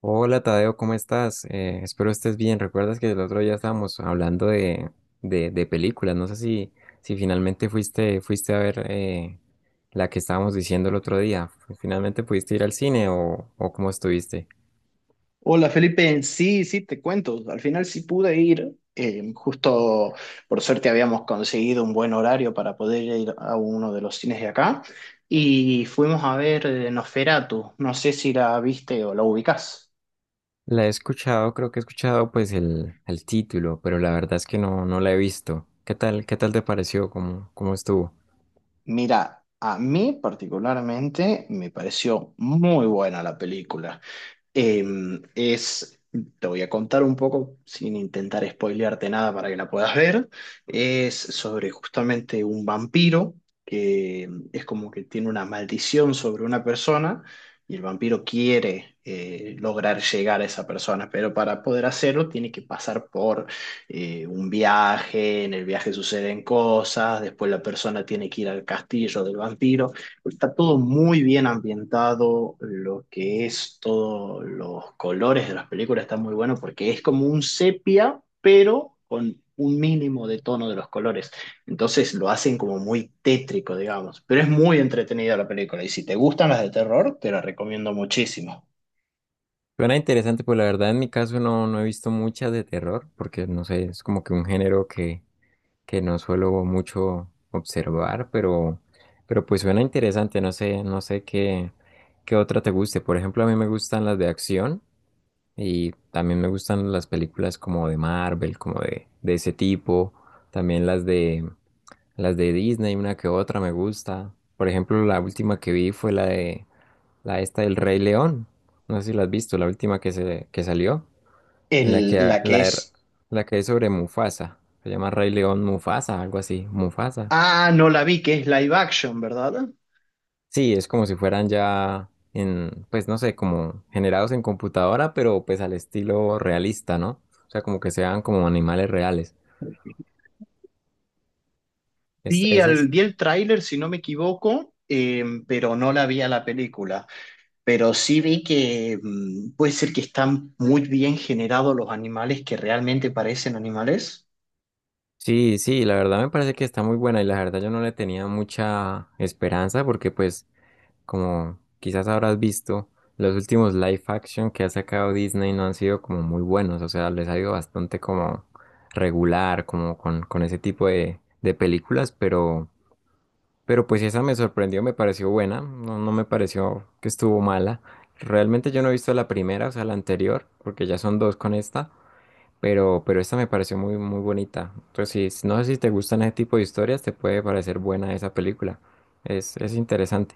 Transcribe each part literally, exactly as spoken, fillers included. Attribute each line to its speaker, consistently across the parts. Speaker 1: Hola Tadeo, ¿cómo estás? Eh, espero estés bien. ¿Recuerdas que el otro día estábamos hablando de, de, de películas? No sé si, Si finalmente fuiste, fuiste a ver eh, la que estábamos diciendo el otro día. ¿Finalmente pudiste ir al cine o, o cómo estuviste?
Speaker 2: Hola Felipe, sí, sí, te cuento. Al final sí pude ir. Eh, justo por suerte habíamos conseguido un buen horario para poder ir a uno de los cines de acá y fuimos a ver eh, Nosferatu. No sé si la viste o la ubicás.
Speaker 1: La he escuchado, creo que he escuchado pues el, el título, pero la verdad es que no, no la he visto. ¿Qué tal, qué tal te pareció? ¿Cómo, cómo estuvo?
Speaker 2: Mira, a mí particularmente me pareció muy buena la película. Em, es, Te voy a contar un poco, sin intentar spoilearte nada para que la puedas ver. Es sobre justamente un vampiro que em, es como que tiene una maldición sobre una persona y el vampiro quiere eh, lograr llegar a esa persona, pero para poder hacerlo tiene que pasar por eh, un viaje, en el viaje suceden cosas, después la persona tiene que ir al castillo del vampiro. Está todo muy bien ambientado, lo que es todos los colores de las películas está muy bueno porque es como un sepia, pero con un mínimo de tono de los colores. Entonces lo hacen como muy tétrico, digamos, pero es muy entretenida la película y si te gustan las de terror, te la recomiendo muchísimo.
Speaker 1: Suena interesante, pues la verdad en mi caso no, no he visto muchas de terror, porque no sé, es como que un género que que no suelo mucho observar, pero, pero pues suena interesante, no sé, no sé qué, qué otra te guste. Por ejemplo, a mí me gustan las de acción y también me gustan las películas como de Marvel, como de, de ese tipo, también las de las de Disney, una que otra me gusta. Por ejemplo, la última que vi fue la de la esta del Rey León. No sé si la has visto, la última que se que salió. En la que,
Speaker 2: El,
Speaker 1: ha-
Speaker 2: la
Speaker 1: la,
Speaker 2: que
Speaker 1: de-
Speaker 2: es...
Speaker 1: la que es sobre Mufasa. Se llama Rey León Mufasa, algo así. Mufasa.
Speaker 2: Ah, no la vi, que es live action, ¿verdad?
Speaker 1: Sí, es como si fueran ya en, pues no sé, como generados en computadora, pero pues al estilo realista, ¿no? O sea, como que sean como animales reales. Es,
Speaker 2: Vi,
Speaker 1: esas.
Speaker 2: al, vi el tráiler, si no me equivoco, eh, pero no la vi a la película. Pero sí vi que mm, puede ser que están muy bien generados los animales que realmente parecen animales.
Speaker 1: Sí, sí, la verdad me parece que está muy buena y la verdad yo no le tenía mucha esperanza porque pues como quizás habrás visto, los últimos live action que ha sacado Disney no han sido como muy buenos, o sea, les ha ido bastante como regular, como con, con ese tipo de, de películas, pero, pero pues esa me sorprendió, me pareció buena, no, no me pareció que estuvo mala. Realmente yo no he visto la primera, o sea, la anterior, porque ya son dos con esta, pero, pero esta me pareció muy, muy bonita. Entonces, si- no sé si te gustan ese tipo de historias, te puede parecer buena esa película. Es, es interesante.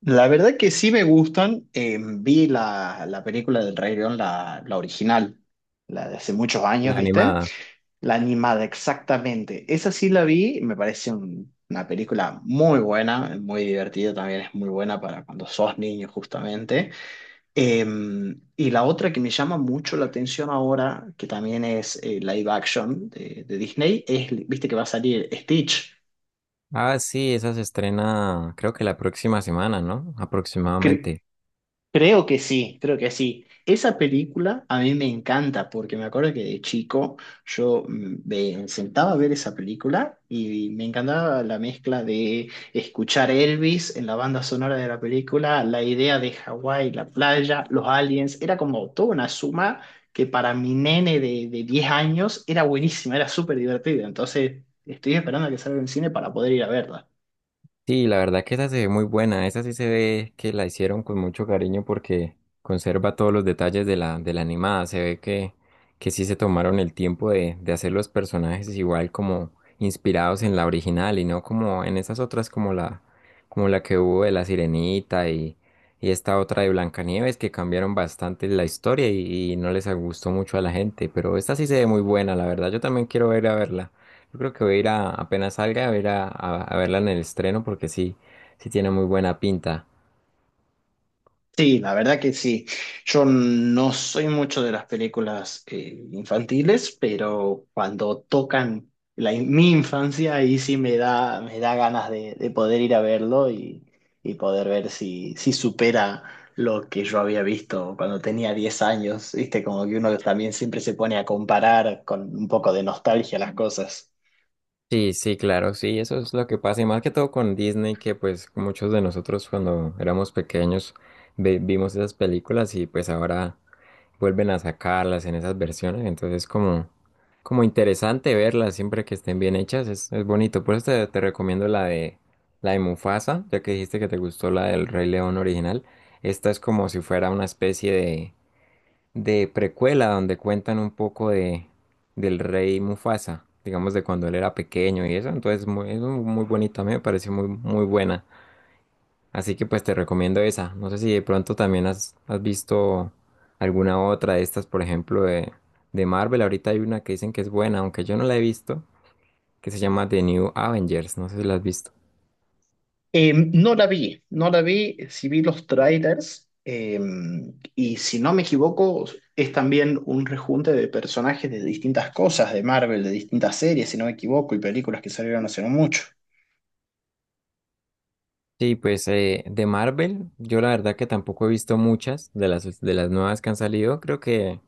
Speaker 2: La verdad que sí me gustan. Eh, vi la, la película del Rey León, la, la original, la de hace muchos años,
Speaker 1: La
Speaker 2: ¿viste?
Speaker 1: animada.
Speaker 2: La animada, exactamente. Esa sí la vi, me parece un- una película muy buena, muy divertida también, es muy buena para cuando sos niño justamente. Eh, y la otra que me llama mucho la atención ahora, que también es eh, live action de, de Disney, es, viste que va a salir Stitch.
Speaker 1: Ah, sí, esa se estrena creo que la próxima semana, ¿no?
Speaker 2: Cre-
Speaker 1: Aproximadamente.
Speaker 2: Creo que sí, creo que sí. Esa película a mí me encanta porque me acuerdo que de chico yo mm, me sentaba a ver esa película y me encantaba la mezcla de escuchar Elvis en la banda sonora de la película, la idea de Hawái, la playa, los aliens, era como toda una suma que para mi nene de, de diez años era buenísima, era súper divertida. Entonces estoy esperando a que salga en cine para poder ir a verla.
Speaker 1: Sí, la verdad que esa se ve muy buena. Esa sí se ve que la hicieron con mucho cariño porque conserva todos los detalles de la, de la animada. Se ve que, que sí se tomaron el tiempo de, de hacer los personajes igual como inspirados en la original y no como en esas otras como la, como la que hubo de la Sirenita y, y esta otra de Blancanieves que cambiaron bastante la historia y, y no les gustó mucho a la gente. Pero esta sí se ve muy buena, la verdad. Yo también quiero ver a verla. Yo creo que voy a ir a, apenas salga, voy a ir a, a- a verla en el estreno porque sí, sí tiene muy buena pinta.
Speaker 2: Sí, la verdad que sí. Yo no soy mucho de las películas eh, infantiles, pero cuando tocan la, mi infancia, ahí sí me da, me da ganas de, de poder ir a verlo y, y poder ver si, si supera lo que yo había visto cuando tenía diez años. ¿Viste? Como que uno también siempre se pone a comparar con un poco de nostalgia las cosas.
Speaker 1: Sí, sí, claro, sí, eso es lo que pasa. Y más que todo con Disney, que pues muchos de nosotros cuando éramos pequeños ve- vimos esas películas y pues ahora vuelven a sacarlas en esas versiones. Entonces como, como interesante verlas siempre que estén bien hechas, es, es bonito. Por eso te, te recomiendo la de, la de Mufasa, ya que dijiste que te gustó la del Rey León original. Esta es como si fuera una especie de de precuela donde cuentan un poco de del rey Mufasa, digamos de cuando él era pequeño y eso, entonces muy, es un- muy bonita, a mí me pareció muy muy buena. Así que pues te recomiendo esa. No sé si de pronto también has, has visto alguna otra de estas, por ejemplo, de, de Marvel. Ahorita hay una que dicen que es buena, aunque yo no la he visto, que se llama The New Avengers. No sé si la has visto.
Speaker 2: Eh, no la vi, no la vi, sí vi los trailers eh, y si no me equivoco es también un rejunte de personajes de distintas cosas de Marvel, de distintas series, si no me equivoco, y películas que salieron hace no mucho.
Speaker 1: Sí, pues eh, de Marvel, yo la verdad que tampoco he visto muchas de las, de las nuevas que han salido. Creo que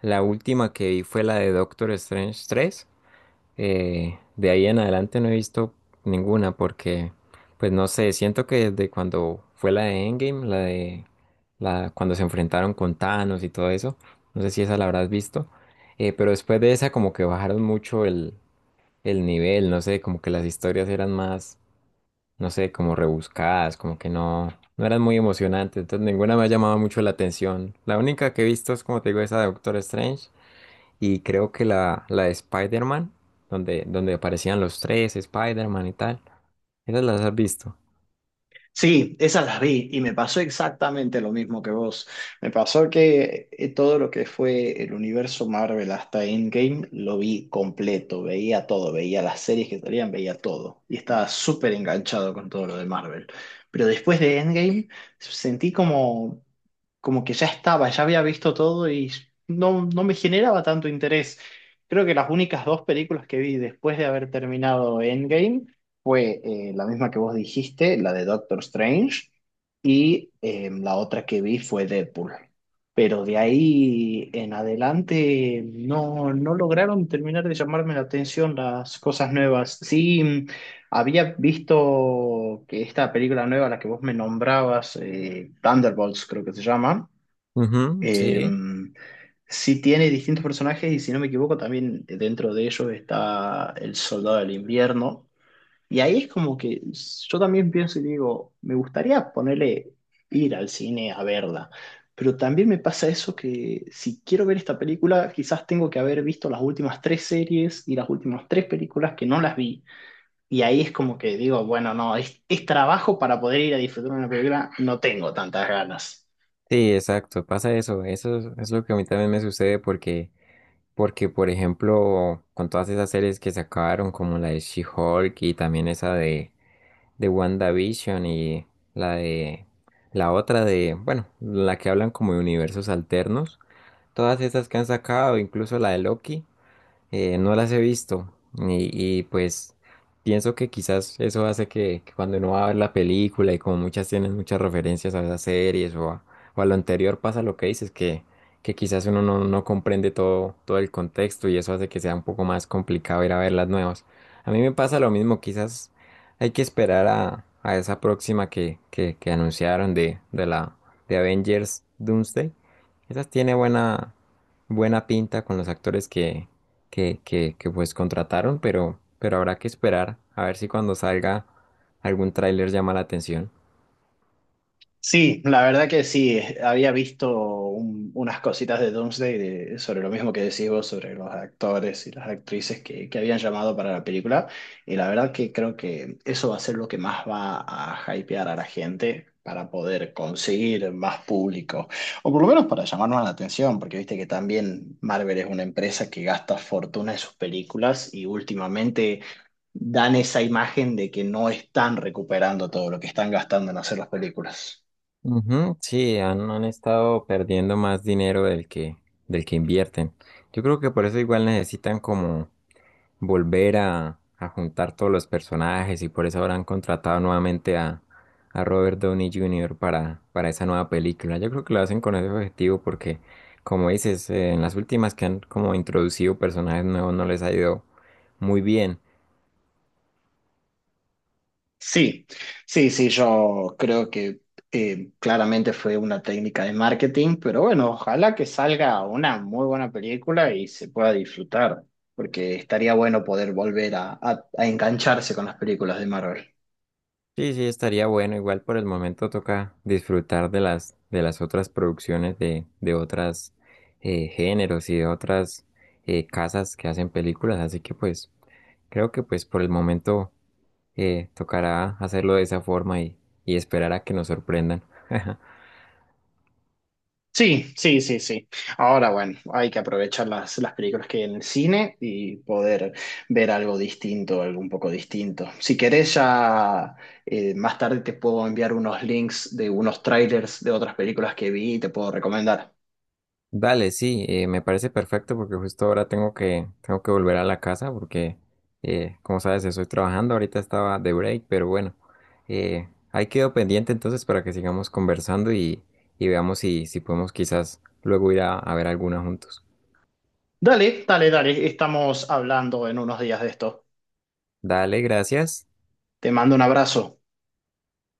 Speaker 1: la última que vi fue la de Doctor Strange tres. Eh, de ahí en adelante no he visto ninguna porque, pues no sé, siento que desde cuando fue la de Endgame, la de la, cuando se enfrentaron con Thanos y todo eso, no sé si esa la habrás visto, eh, pero después de esa como que bajaron mucho el, el nivel, no sé, como que las historias eran más no sé, como rebuscadas, como que no, no eran muy emocionantes, entonces ninguna me ha llamado mucho la atención. La única que he visto es, como te digo, esa de Doctor Strange y creo que la, la de Spider-Man, donde, donde aparecían los tres, Spider-Man y tal. Esas las has visto.
Speaker 2: Sí, esas las vi y me pasó exactamente lo mismo que vos. Me pasó que eh, todo lo que fue el universo Marvel hasta Endgame lo vi completo, veía todo, veía las series que salían, veía todo y estaba súper enganchado con todo lo de Marvel. Pero después de Endgame sentí como, como que ya estaba, ya había visto todo y no, no me generaba tanto interés. Creo que las únicas dos películas que vi después de haber terminado Endgame fue eh, la misma que vos dijiste, la de Doctor Strange, y eh, la otra que vi fue Deadpool. Pero de ahí en adelante no, no lograron terminar de llamarme la atención las cosas nuevas. Sí, mm, había visto que esta película nueva, la que vos me nombrabas, eh, Thunderbolts creo que se llama,
Speaker 1: Ujú, sí.
Speaker 2: em, sí tiene distintos personajes y si no me equivoco también dentro de ellos está el Soldado del Invierno, y ahí es como que yo también pienso y digo, me gustaría ponerle ir al cine a verla, pero también me pasa eso que si quiero ver esta película, quizás tengo que haber visto las últimas tres series y las últimas tres películas que no las vi. Y ahí es como que digo, bueno, no, es, es trabajo para poder ir a disfrutar una película, no tengo tantas ganas.
Speaker 1: Sí, exacto, pasa eso. Eso es, es lo que a mí también me sucede porque, porque, por ejemplo, con todas esas series que se acabaron, como la de She-Hulk y también esa de de WandaVision y la de la otra de, bueno, la que hablan como de universos alternos. Todas esas que han sacado, incluso la de Loki eh, no las he visto y, y, pues pienso que quizás eso hace que, que cuando uno va a ver la película y como muchas tienen muchas referencias a esas series o a, o a lo anterior pasa lo que dices, que, que quizás uno no, no comprende todo, todo el contexto y eso hace que sea un poco más complicado ir a ver las nuevas. A mí me pasa lo mismo, quizás hay que esperar a, a esa próxima que, que, que anunciaron de, de la de Avengers Doomsday. Esa tiene buena, buena pinta con los actores que, que, que, que pues contrataron, pero, pero habrá que esperar a ver si cuando salga algún tráiler llama la atención.
Speaker 2: Sí, la verdad que sí, eh, había visto un- unas cositas de Doomsday de- sobre lo mismo que decís vos, sobre los actores y las actrices que, que habían llamado para la película, y la verdad que creo que eso va a ser lo que más va a hypear a la gente para poder conseguir más público, o por lo menos para llamarnos la atención, porque viste que también Marvel es una empresa que gasta fortuna en sus películas y últimamente... dan esa imagen de que no están recuperando todo lo que están gastando en hacer las películas.
Speaker 1: Ujú, sí, han, han estado perdiendo más dinero del que, del que invierten. Yo creo que por eso igual necesitan como volver a, a juntar todos los personajes y por eso habrán contratado nuevamente a, a Robert Downey junior para, para esa nueva película. Yo creo que lo hacen con ese objetivo porque, como dices, eh, en las últimas que han como introducido personajes nuevos no les ha ido muy bien.
Speaker 2: Sí, sí, sí, yo creo que eh, claramente fue una técnica de marketing, pero bueno, ojalá que salga una muy buena película y se pueda disfrutar, porque estaría bueno poder volver a, a a engancharse con las películas de Marvel.
Speaker 1: Sí, sí, estaría bueno. Igual por el momento toca disfrutar de las, de las otras producciones de, de otras eh, géneros y de otras eh, casas que hacen películas. Así que pues creo que pues por el momento Eh, tocará hacerlo de esa forma y, y esperar a que nos sorprendan.
Speaker 2: Sí, sí, sí, sí. Ahora, bueno, hay que aprovechar las, las películas que hay en el cine y poder ver algo distinto, algo un poco distinto. Si querés, ya eh, más tarde te puedo enviar unos links de unos trailers de otras películas que vi y te puedo recomendar.
Speaker 1: Dale, sí, eh, me parece perfecto porque justo ahora tengo que, tengo que volver a la casa porque, eh, como sabes, estoy trabajando, ahorita estaba de break, pero bueno, eh, ahí quedo pendiente entonces para que sigamos conversando y, y veamos si, si podemos quizás luego ir a, a ver alguna juntos.
Speaker 2: Dale, dale, dale. Estamos hablando en unos días de esto.
Speaker 1: Dale, gracias.
Speaker 2: Te mando un abrazo.